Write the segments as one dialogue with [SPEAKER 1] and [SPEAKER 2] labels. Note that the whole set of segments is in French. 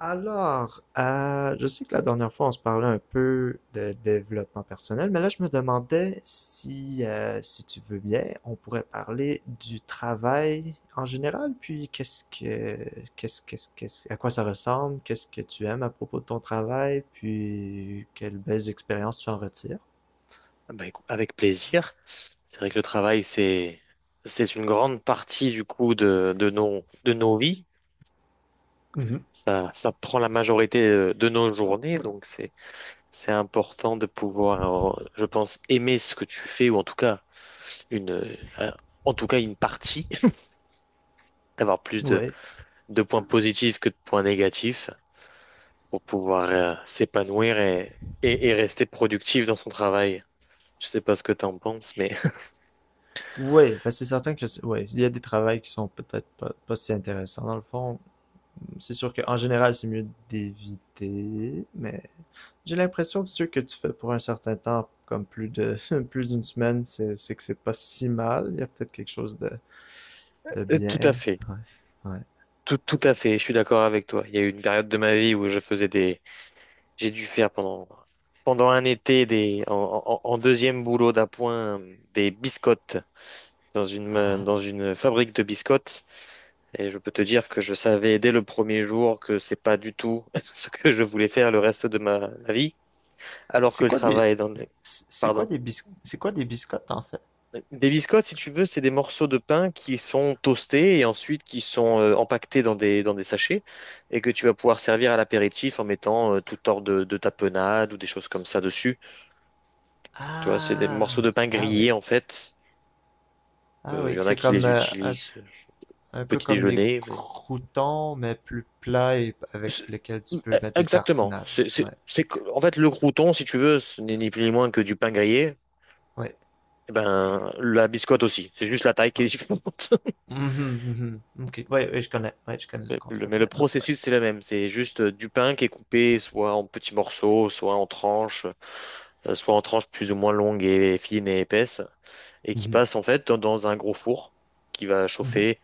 [SPEAKER 1] Je sais que la dernière fois, on se parlait un peu de développement personnel, mais là, je me demandais si, si tu veux bien, on pourrait parler du travail en général, puis qu'est-ce que, qu'est-ce, qu'est-ce, qu'est-ce, à quoi ça ressemble, qu'est-ce que tu aimes à propos de ton travail, puis quelles belles expériences tu en retires.
[SPEAKER 2] Ah bah, avec plaisir. C'est vrai que le travail, c'est une grande partie du coup de nos vies.
[SPEAKER 1] Oui.
[SPEAKER 2] Ça prend la majorité de nos journées, donc c'est important de pouvoir, je pense, aimer ce que tu fais, ou en tout cas une, euh, euh, en tout cas une partie, d'avoir plus
[SPEAKER 1] Ouais.
[SPEAKER 2] de points positifs que de points négatifs pour pouvoir s'épanouir et rester productif dans son travail. Je sais pas ce que tu en penses, mais
[SPEAKER 1] Ouais, ben c'est certain que, ouais, il y a des travails qui sont peut-être pas si intéressants. Dans le fond, c'est sûr qu'en général, c'est mieux d'éviter, mais j'ai l'impression que ce que tu fais pour un certain temps, comme plus de plus d'une semaine, c'est pas si mal. Il y a peut-être quelque chose de
[SPEAKER 2] tout à
[SPEAKER 1] bien.
[SPEAKER 2] fait.
[SPEAKER 1] Ouais, ouais.
[SPEAKER 2] Tout à fait, je suis d'accord avec toi. Il y a eu une période de ma vie où je faisais des, j'ai dû faire pendant un été des en deuxième boulot d'appoint des biscottes dans une dans une fabrique de biscottes, et je peux te dire que je savais dès le premier jour que c'est pas du tout ce que je voulais faire le reste de ma vie, alors
[SPEAKER 1] C'est
[SPEAKER 2] que le
[SPEAKER 1] quoi des
[SPEAKER 2] travail dans le... Pardon.
[SPEAKER 1] c'est quoi des biscottes en fait?
[SPEAKER 2] Des biscottes, si tu veux, c'est des morceaux de pain qui sont toastés et ensuite qui sont empaquetés dans des sachets, et que tu vas pouvoir servir à l'apéritif en mettant tout hors de tapenade ou des choses comme ça dessus. Tu vois, c'est des morceaux
[SPEAKER 1] Ah,
[SPEAKER 2] de pain
[SPEAKER 1] ah oui.
[SPEAKER 2] grillés en fait.
[SPEAKER 1] Ah
[SPEAKER 2] Il
[SPEAKER 1] oui,
[SPEAKER 2] y
[SPEAKER 1] que
[SPEAKER 2] en a
[SPEAKER 1] c'est
[SPEAKER 2] qui
[SPEAKER 1] comme
[SPEAKER 2] les utilisent
[SPEAKER 1] un
[SPEAKER 2] au
[SPEAKER 1] peu
[SPEAKER 2] petit
[SPEAKER 1] comme des
[SPEAKER 2] déjeuner,
[SPEAKER 1] croûtons mais plus plats et avec
[SPEAKER 2] C'est-
[SPEAKER 1] lesquels tu
[SPEAKER 2] euh,
[SPEAKER 1] peux mettre des
[SPEAKER 2] exactement.
[SPEAKER 1] tartinades. Ouais,
[SPEAKER 2] En fait, le crouton, si tu veux, ce n'est ni plus ni moins que du pain grillé.
[SPEAKER 1] ouais.
[SPEAKER 2] Eh ben, la biscotte aussi. C'est juste la taille qui est
[SPEAKER 1] Ah.
[SPEAKER 2] différente.
[SPEAKER 1] Mhm, mhm. Ok, ouais, ouais, je connais le
[SPEAKER 2] Mais le
[SPEAKER 1] concept
[SPEAKER 2] mais le
[SPEAKER 1] maintenant. Ouais.
[SPEAKER 2] processus, c'est le même. C'est juste du pain qui est coupé soit en petits morceaux, soit en tranches plus ou moins longues et fines et épaisses, et qui
[SPEAKER 1] Mhm,
[SPEAKER 2] passe en fait dans un gros four qui va
[SPEAKER 1] mhm.
[SPEAKER 2] chauffer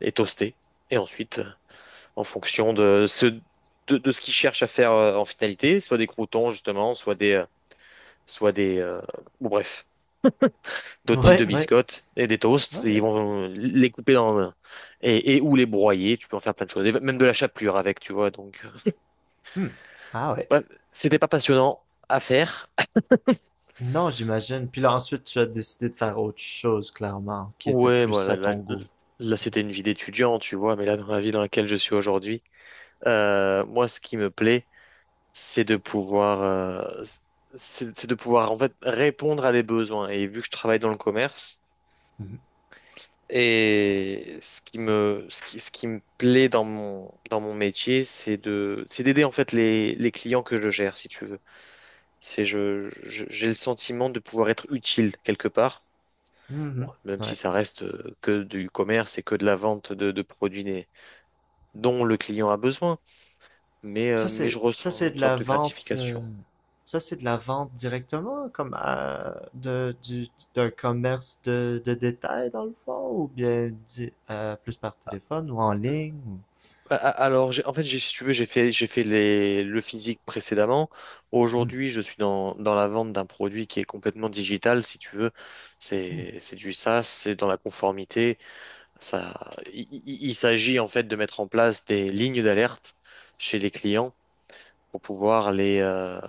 [SPEAKER 2] et toaster. Et ensuite, en fonction de ce qu'ils cherchent à faire en finalité, soit des croutons justement, soit des, euh, ou bref, d'autres types
[SPEAKER 1] Ouais,
[SPEAKER 2] de
[SPEAKER 1] ouais.
[SPEAKER 2] biscottes et des toasts, et
[SPEAKER 1] Ok.
[SPEAKER 2] ils vont les couper dans, et ou les broyer. Tu peux en faire plein de choses, et même de la chapelure avec, tu vois,
[SPEAKER 1] Hmm. Ah ouais.
[SPEAKER 2] ouais, c'était pas passionnant à faire.
[SPEAKER 1] Non, j'imagine. Puis là, ensuite, tu as décidé de faire autre chose, clairement, qui était
[SPEAKER 2] Ouais,
[SPEAKER 1] plus
[SPEAKER 2] voilà,
[SPEAKER 1] à ton goût.
[SPEAKER 2] c'était une vie d'étudiant, tu vois, mais là, dans la vie dans laquelle je suis aujourd'hui, moi, ce qui me plaît, c'est de pouvoir, c'est de pouvoir, en fait, répondre à des besoins. Et vu que je travaille dans le commerce,
[SPEAKER 1] Mhm.
[SPEAKER 2] et ce qui me plaît dans mon métier, c'est d'aider, en fait, les clients que je gère, si tu veux. C'est, j'ai le sentiment de pouvoir être utile quelque part. Bon,
[SPEAKER 1] Mhm.
[SPEAKER 2] même si
[SPEAKER 1] Ouais.
[SPEAKER 2] ça reste que du commerce et que de la vente de dont le client a besoin,
[SPEAKER 1] Ça,
[SPEAKER 2] mais je
[SPEAKER 1] c'est, ça,
[SPEAKER 2] ressens
[SPEAKER 1] c'est
[SPEAKER 2] une
[SPEAKER 1] de la
[SPEAKER 2] sorte de
[SPEAKER 1] vente, euh,
[SPEAKER 2] gratification.
[SPEAKER 1] Ça, c'est de la vente directement, comme d'un commerce de détail, dans le fond, ou bien plus par téléphone ou en
[SPEAKER 2] Euh,
[SPEAKER 1] ligne. Ou…
[SPEAKER 2] Alors, si tu veux, j'ai fait le physique précédemment.
[SPEAKER 1] Hmm.
[SPEAKER 2] Aujourd'hui, je suis dans la vente d'un produit qui est complètement digital, si tu veux.
[SPEAKER 1] Hmm.
[SPEAKER 2] C'est du SaaS, c'est dans la conformité. Il s'agit en fait de mettre en place des lignes d'alerte chez les clients pour pouvoir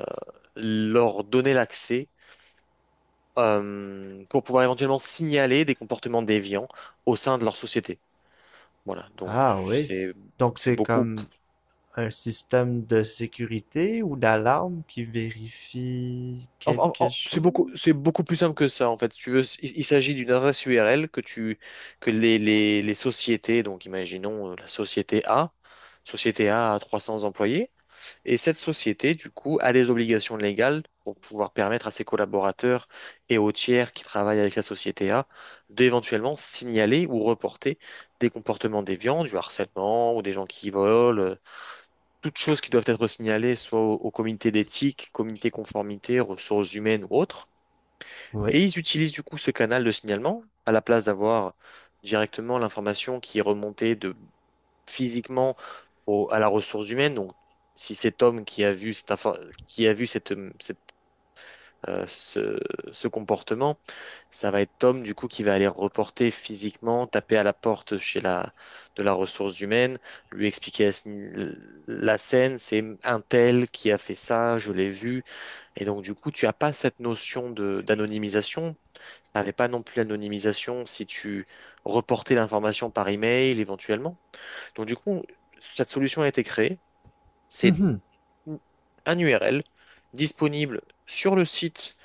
[SPEAKER 2] leur donner l'accès pour pouvoir éventuellement signaler des comportements déviants au sein de leur société. Voilà, donc
[SPEAKER 1] Ah oui. Donc,
[SPEAKER 2] c'est
[SPEAKER 1] c'est
[SPEAKER 2] beaucoup
[SPEAKER 1] comme un système de sécurité ou d'alarme qui vérifie
[SPEAKER 2] en- en-
[SPEAKER 1] quelque
[SPEAKER 2] en-
[SPEAKER 1] chose?
[SPEAKER 2] c'est beaucoup plus simple que ça en fait. Si tu veux, il s'agit d'une adresse URL que tu que les sociétés, donc imaginons la société A, société A a 300 employés. Et cette société, du coup, a des obligations légales pour pouvoir permettre à ses collaborateurs et aux tiers qui travaillent avec la société A d'éventuellement signaler ou reporter des comportements déviants, du harcèlement ou des gens qui volent, toutes choses qui doivent être signalées soit au comité d'éthique, comité conformité, ressources humaines ou autres.
[SPEAKER 1] Oui.
[SPEAKER 2] Et ils utilisent du coup ce canal de signalement à la place d'avoir directement l'information qui est remontée de physiquement à la ressource humaine. Donc, si cet homme qui a vu cette, euh, ce, ce comportement, ça va être Tom du coup qui va aller reporter physiquement, taper à la porte chez la de la ressource humaine, lui expliquer la scène, c'est un tel qui a fait ça, je l'ai vu. Et donc du coup, tu n'as pas cette notion de d'anonymisation. T'avais pas non plus l'anonymisation si tu reportais l'information par email éventuellement. Donc du coup, cette solution a été créée,
[SPEAKER 1] Mhm.
[SPEAKER 2] un URL disponible sur le site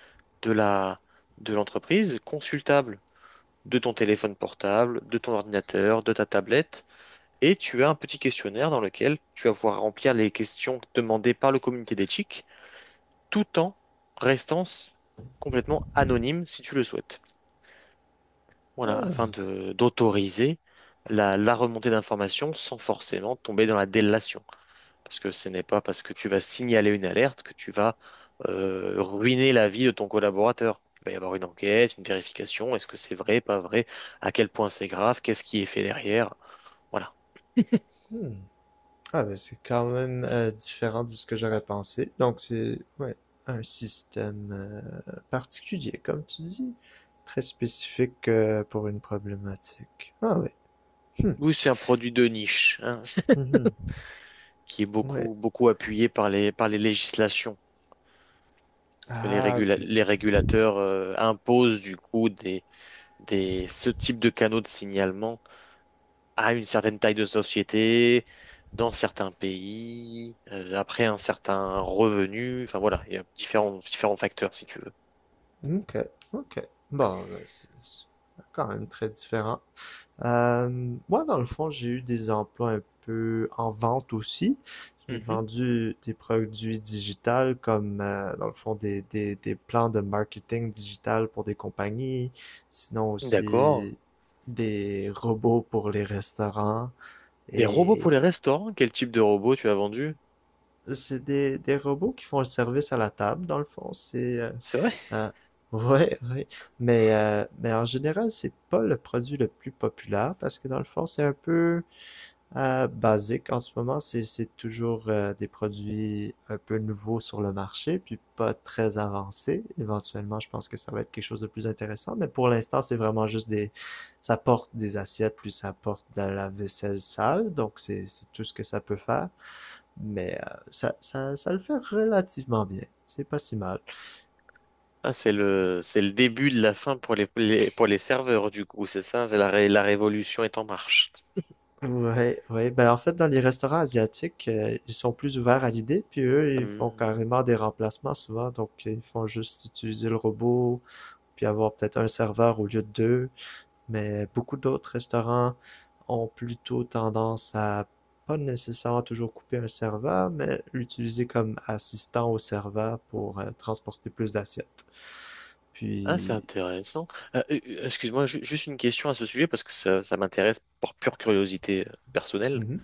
[SPEAKER 2] de la, de l'entreprise, consultable de ton téléphone portable, de ton ordinateur, de ta tablette, et tu as un petit questionnaire dans lequel tu vas pouvoir remplir les questions demandées par le comité d'éthique, tout en restant complètement anonyme si tu le souhaites. Voilà, afin
[SPEAKER 1] Ah,
[SPEAKER 2] de d'autoriser la remontée d'informations sans forcément tomber dans la délation. Parce que ce n'est pas parce que tu vas signaler une alerte que tu vas ruiner la vie de ton collaborateur. Il va y avoir une enquête, une vérification. Est-ce que c'est vrai, pas vrai? À quel point c'est grave? Qu'est-ce qui est fait derrière? Voilà.
[SPEAKER 1] hmm. Ah, mais c'est quand même différent de ce que j'aurais pensé. Donc, c'est ouais, un système particulier, comme tu dis, très spécifique pour une problématique. Ah oui. Hmm.
[SPEAKER 2] Oui, c'est un produit de niche, hein,
[SPEAKER 1] Mhm.
[SPEAKER 2] qui est
[SPEAKER 1] Ouais.
[SPEAKER 2] beaucoup, beaucoup appuyé par les législations. Parce que
[SPEAKER 1] Ah, ok.
[SPEAKER 2] les régulateurs imposent du coup ce type de canaux de signalement à une certaine taille de société, dans certains pays, après un certain revenu. Enfin voilà, il y a différents facteurs si tu veux.
[SPEAKER 1] Ok. Ok. Bon, ben, c'est quand même très différent. Moi, dans le fond, j'ai eu des emplois un peu en vente aussi. J'ai
[SPEAKER 2] Mhm.
[SPEAKER 1] vendu des produits digitales comme, dans le fond, des plans de marketing digital pour des compagnies, sinon
[SPEAKER 2] D'accord.
[SPEAKER 1] aussi des robots pour les restaurants.
[SPEAKER 2] Des robots pour les
[SPEAKER 1] Et
[SPEAKER 2] restaurants? Quel type de robot tu as vendu?
[SPEAKER 1] c'est des robots qui font le service à la table, dans le fond.
[SPEAKER 2] C'est vrai?
[SPEAKER 1] Euh, ouais, ouais. Mais en général, c'est pas le produit le plus populaire parce que dans le fond, c'est un peu basique en ce moment, c'est toujours des produits un peu nouveaux sur le marché, puis pas très avancés. Éventuellement, je pense que ça va être quelque chose de plus intéressant, mais pour l'instant, c'est vraiment juste des… Ça porte des assiettes, puis ça porte de la vaisselle sale, donc c'est tout ce que ça peut faire. Mais ça le fait relativement bien. C'est pas si mal.
[SPEAKER 2] Ah, c'est c'est le début de la fin pour pour les serveurs, du coup, c'est ça? C'est la révolution est en marche.
[SPEAKER 1] Ouais, ouais. Ben, en fait, dans les restaurants asiatiques, ils sont plus ouverts à l'idée, puis eux, ils font
[SPEAKER 2] Hmm.
[SPEAKER 1] carrément des remplacements souvent. Donc, ils font juste utiliser le robot, puis avoir peut-être un serveur au lieu de deux. Mais beaucoup d'autres restaurants ont plutôt tendance à pas nécessairement toujours couper un serveur, mais l'utiliser comme assistant au serveur pour transporter plus d'assiettes.
[SPEAKER 2] Ah, c'est
[SPEAKER 1] Puis,
[SPEAKER 2] intéressant. Excuse-moi, ju- juste une question à ce sujet parce que ça m'intéresse par pure curiosité personnelle.
[SPEAKER 1] mhm.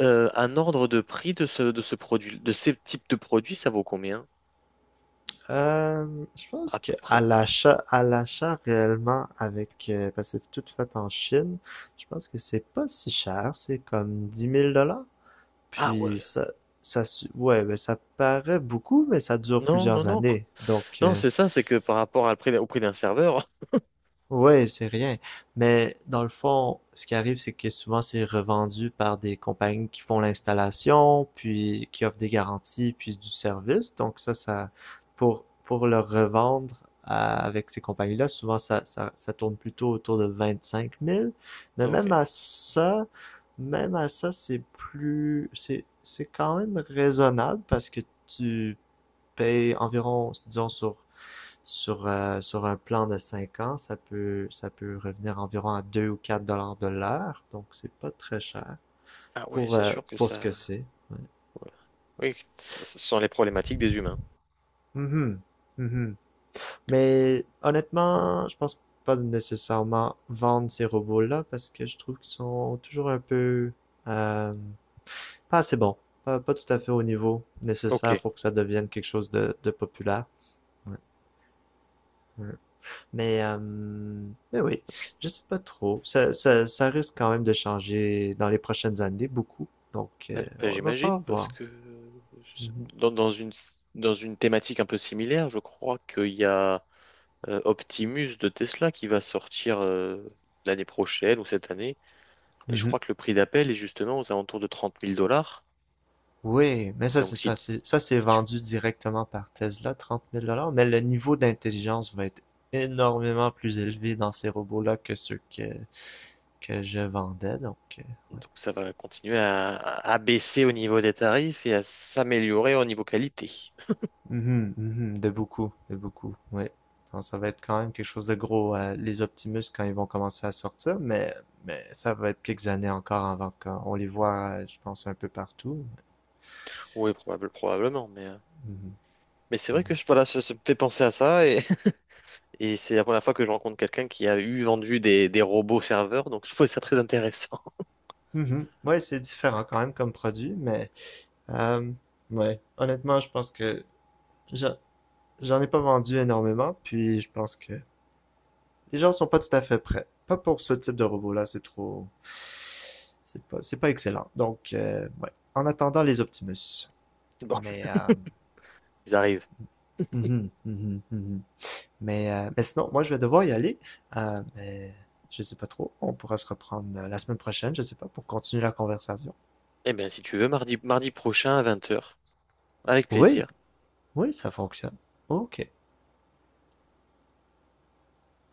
[SPEAKER 2] Un ordre de prix de ce produit, de ces types de produits, ça vaut combien
[SPEAKER 1] Je pense
[SPEAKER 2] à
[SPEAKER 1] que
[SPEAKER 2] peu
[SPEAKER 1] à
[SPEAKER 2] près?
[SPEAKER 1] l'achat réellement avec, parce que c'est tout fait en Chine, je pense que c'est pas si cher, c'est comme dix mille dollars.
[SPEAKER 2] Ah ouais.
[SPEAKER 1] Puis ouais, mais ça paraît beaucoup, mais ça dure
[SPEAKER 2] Non, non,
[SPEAKER 1] plusieurs
[SPEAKER 2] non.
[SPEAKER 1] années. Donc,
[SPEAKER 2] Non, c'est ça, c'est que par rapport à le prix- au prix d'un serveur.
[SPEAKER 1] ouais, c'est rien. Mais dans le fond, ce qui arrive, c'est que souvent c'est revendu par des compagnies qui font l'installation, puis qui offrent des garanties, puis du service. Donc ça pour le revendre avec ces compagnies-là, souvent ça tourne plutôt autour de 25 000. Mais
[SPEAKER 2] Ok.
[SPEAKER 1] même à ça, Même à ça, c'est plus c'est quand même raisonnable parce que tu paye environ, disons, sur un plan de 5 ans, ça peut revenir environ à 2 ou 4 $ de l'heure. Donc, c'est pas très cher
[SPEAKER 2] Ah ouais, c'est sûr que
[SPEAKER 1] pour ce que
[SPEAKER 2] ça.
[SPEAKER 1] c'est. Ouais.
[SPEAKER 2] Ouais. Oui, ce ce sont les problématiques des humains.
[SPEAKER 1] Mhm. Mhm. Mais honnêtement, je pense pas nécessairement vendre ces robots-là parce que je trouve qu'ils sont toujours un peu euh, pas assez bons, pas tout à fait au niveau nécessaire
[SPEAKER 2] Ok.
[SPEAKER 1] pour que ça devienne quelque chose de populaire. Ouais, ouais. Mais, euh, mais oui, je sais pas trop. Ça risque quand même de changer dans les prochaines années beaucoup. Donc,
[SPEAKER 2] Bah, bah,
[SPEAKER 1] on va falloir
[SPEAKER 2] j'imagine, parce
[SPEAKER 1] voir.
[SPEAKER 2] que
[SPEAKER 1] Mhm.
[SPEAKER 2] dans, dans une, dans une thématique un peu similaire, je crois qu'il y a Optimus de Tesla qui va sortir l'année prochaine ou cette année. Et je
[SPEAKER 1] Mhm.
[SPEAKER 2] crois que le prix d'appel est justement aux alentours de 30 000 dollars.
[SPEAKER 1] Oui, mais ça, c'est
[SPEAKER 2] Donc, si,
[SPEAKER 1] ça.
[SPEAKER 2] tu-
[SPEAKER 1] C'est
[SPEAKER 2] si tu-
[SPEAKER 1] vendu directement par Tesla, trente mille dollars. Mais le niveau d'intelligence va être énormément plus élevé dans ces robots-là que que je vendais. Donc, euh.
[SPEAKER 2] Donc ça va continuer à baisser au niveau des tarifs et à s'améliorer au niveau qualité.
[SPEAKER 1] Mhm, mhm, de beaucoup, oui. Non, ça va être quand même quelque chose de gros, les Optimus, quand ils vont commencer à sortir, mais ça va être quelques années encore avant qu'on les voit, je pense, un peu partout.
[SPEAKER 2] Oui, probablement,
[SPEAKER 1] Mhm,
[SPEAKER 2] mais c'est vrai que
[SPEAKER 1] mhm.
[SPEAKER 2] voilà, ça me fait penser à ça et, et c'est la première fois que je rencontre quelqu'un qui a eu vendu des robots serveurs, donc je trouvais ça très intéressant.
[SPEAKER 1] Mhm. Ouais, c'est différent quand même comme produit, mais euh, ouais, honnêtement, je pense que j'en j'en ai pas vendu énormément, puis je pense que les gens sont pas tout à fait prêts. Pas pour ce type de robot-là, c'est trop… c'est pas excellent. Donc, ouais. En attendant les Optimus.
[SPEAKER 2] Bon,
[SPEAKER 1] Mais,
[SPEAKER 2] ils arrivent.
[SPEAKER 1] mhm, mhm, mhm. Mais sinon, moi, je vais devoir y aller. Mais je sais pas trop. On pourra se reprendre la semaine prochaine, je sais pas, pour continuer la conversation.
[SPEAKER 2] Eh bien, si tu veux, mardi prochain à 20 heures avec
[SPEAKER 1] Oui,
[SPEAKER 2] plaisir.
[SPEAKER 1] oui, ça fonctionne. Ok.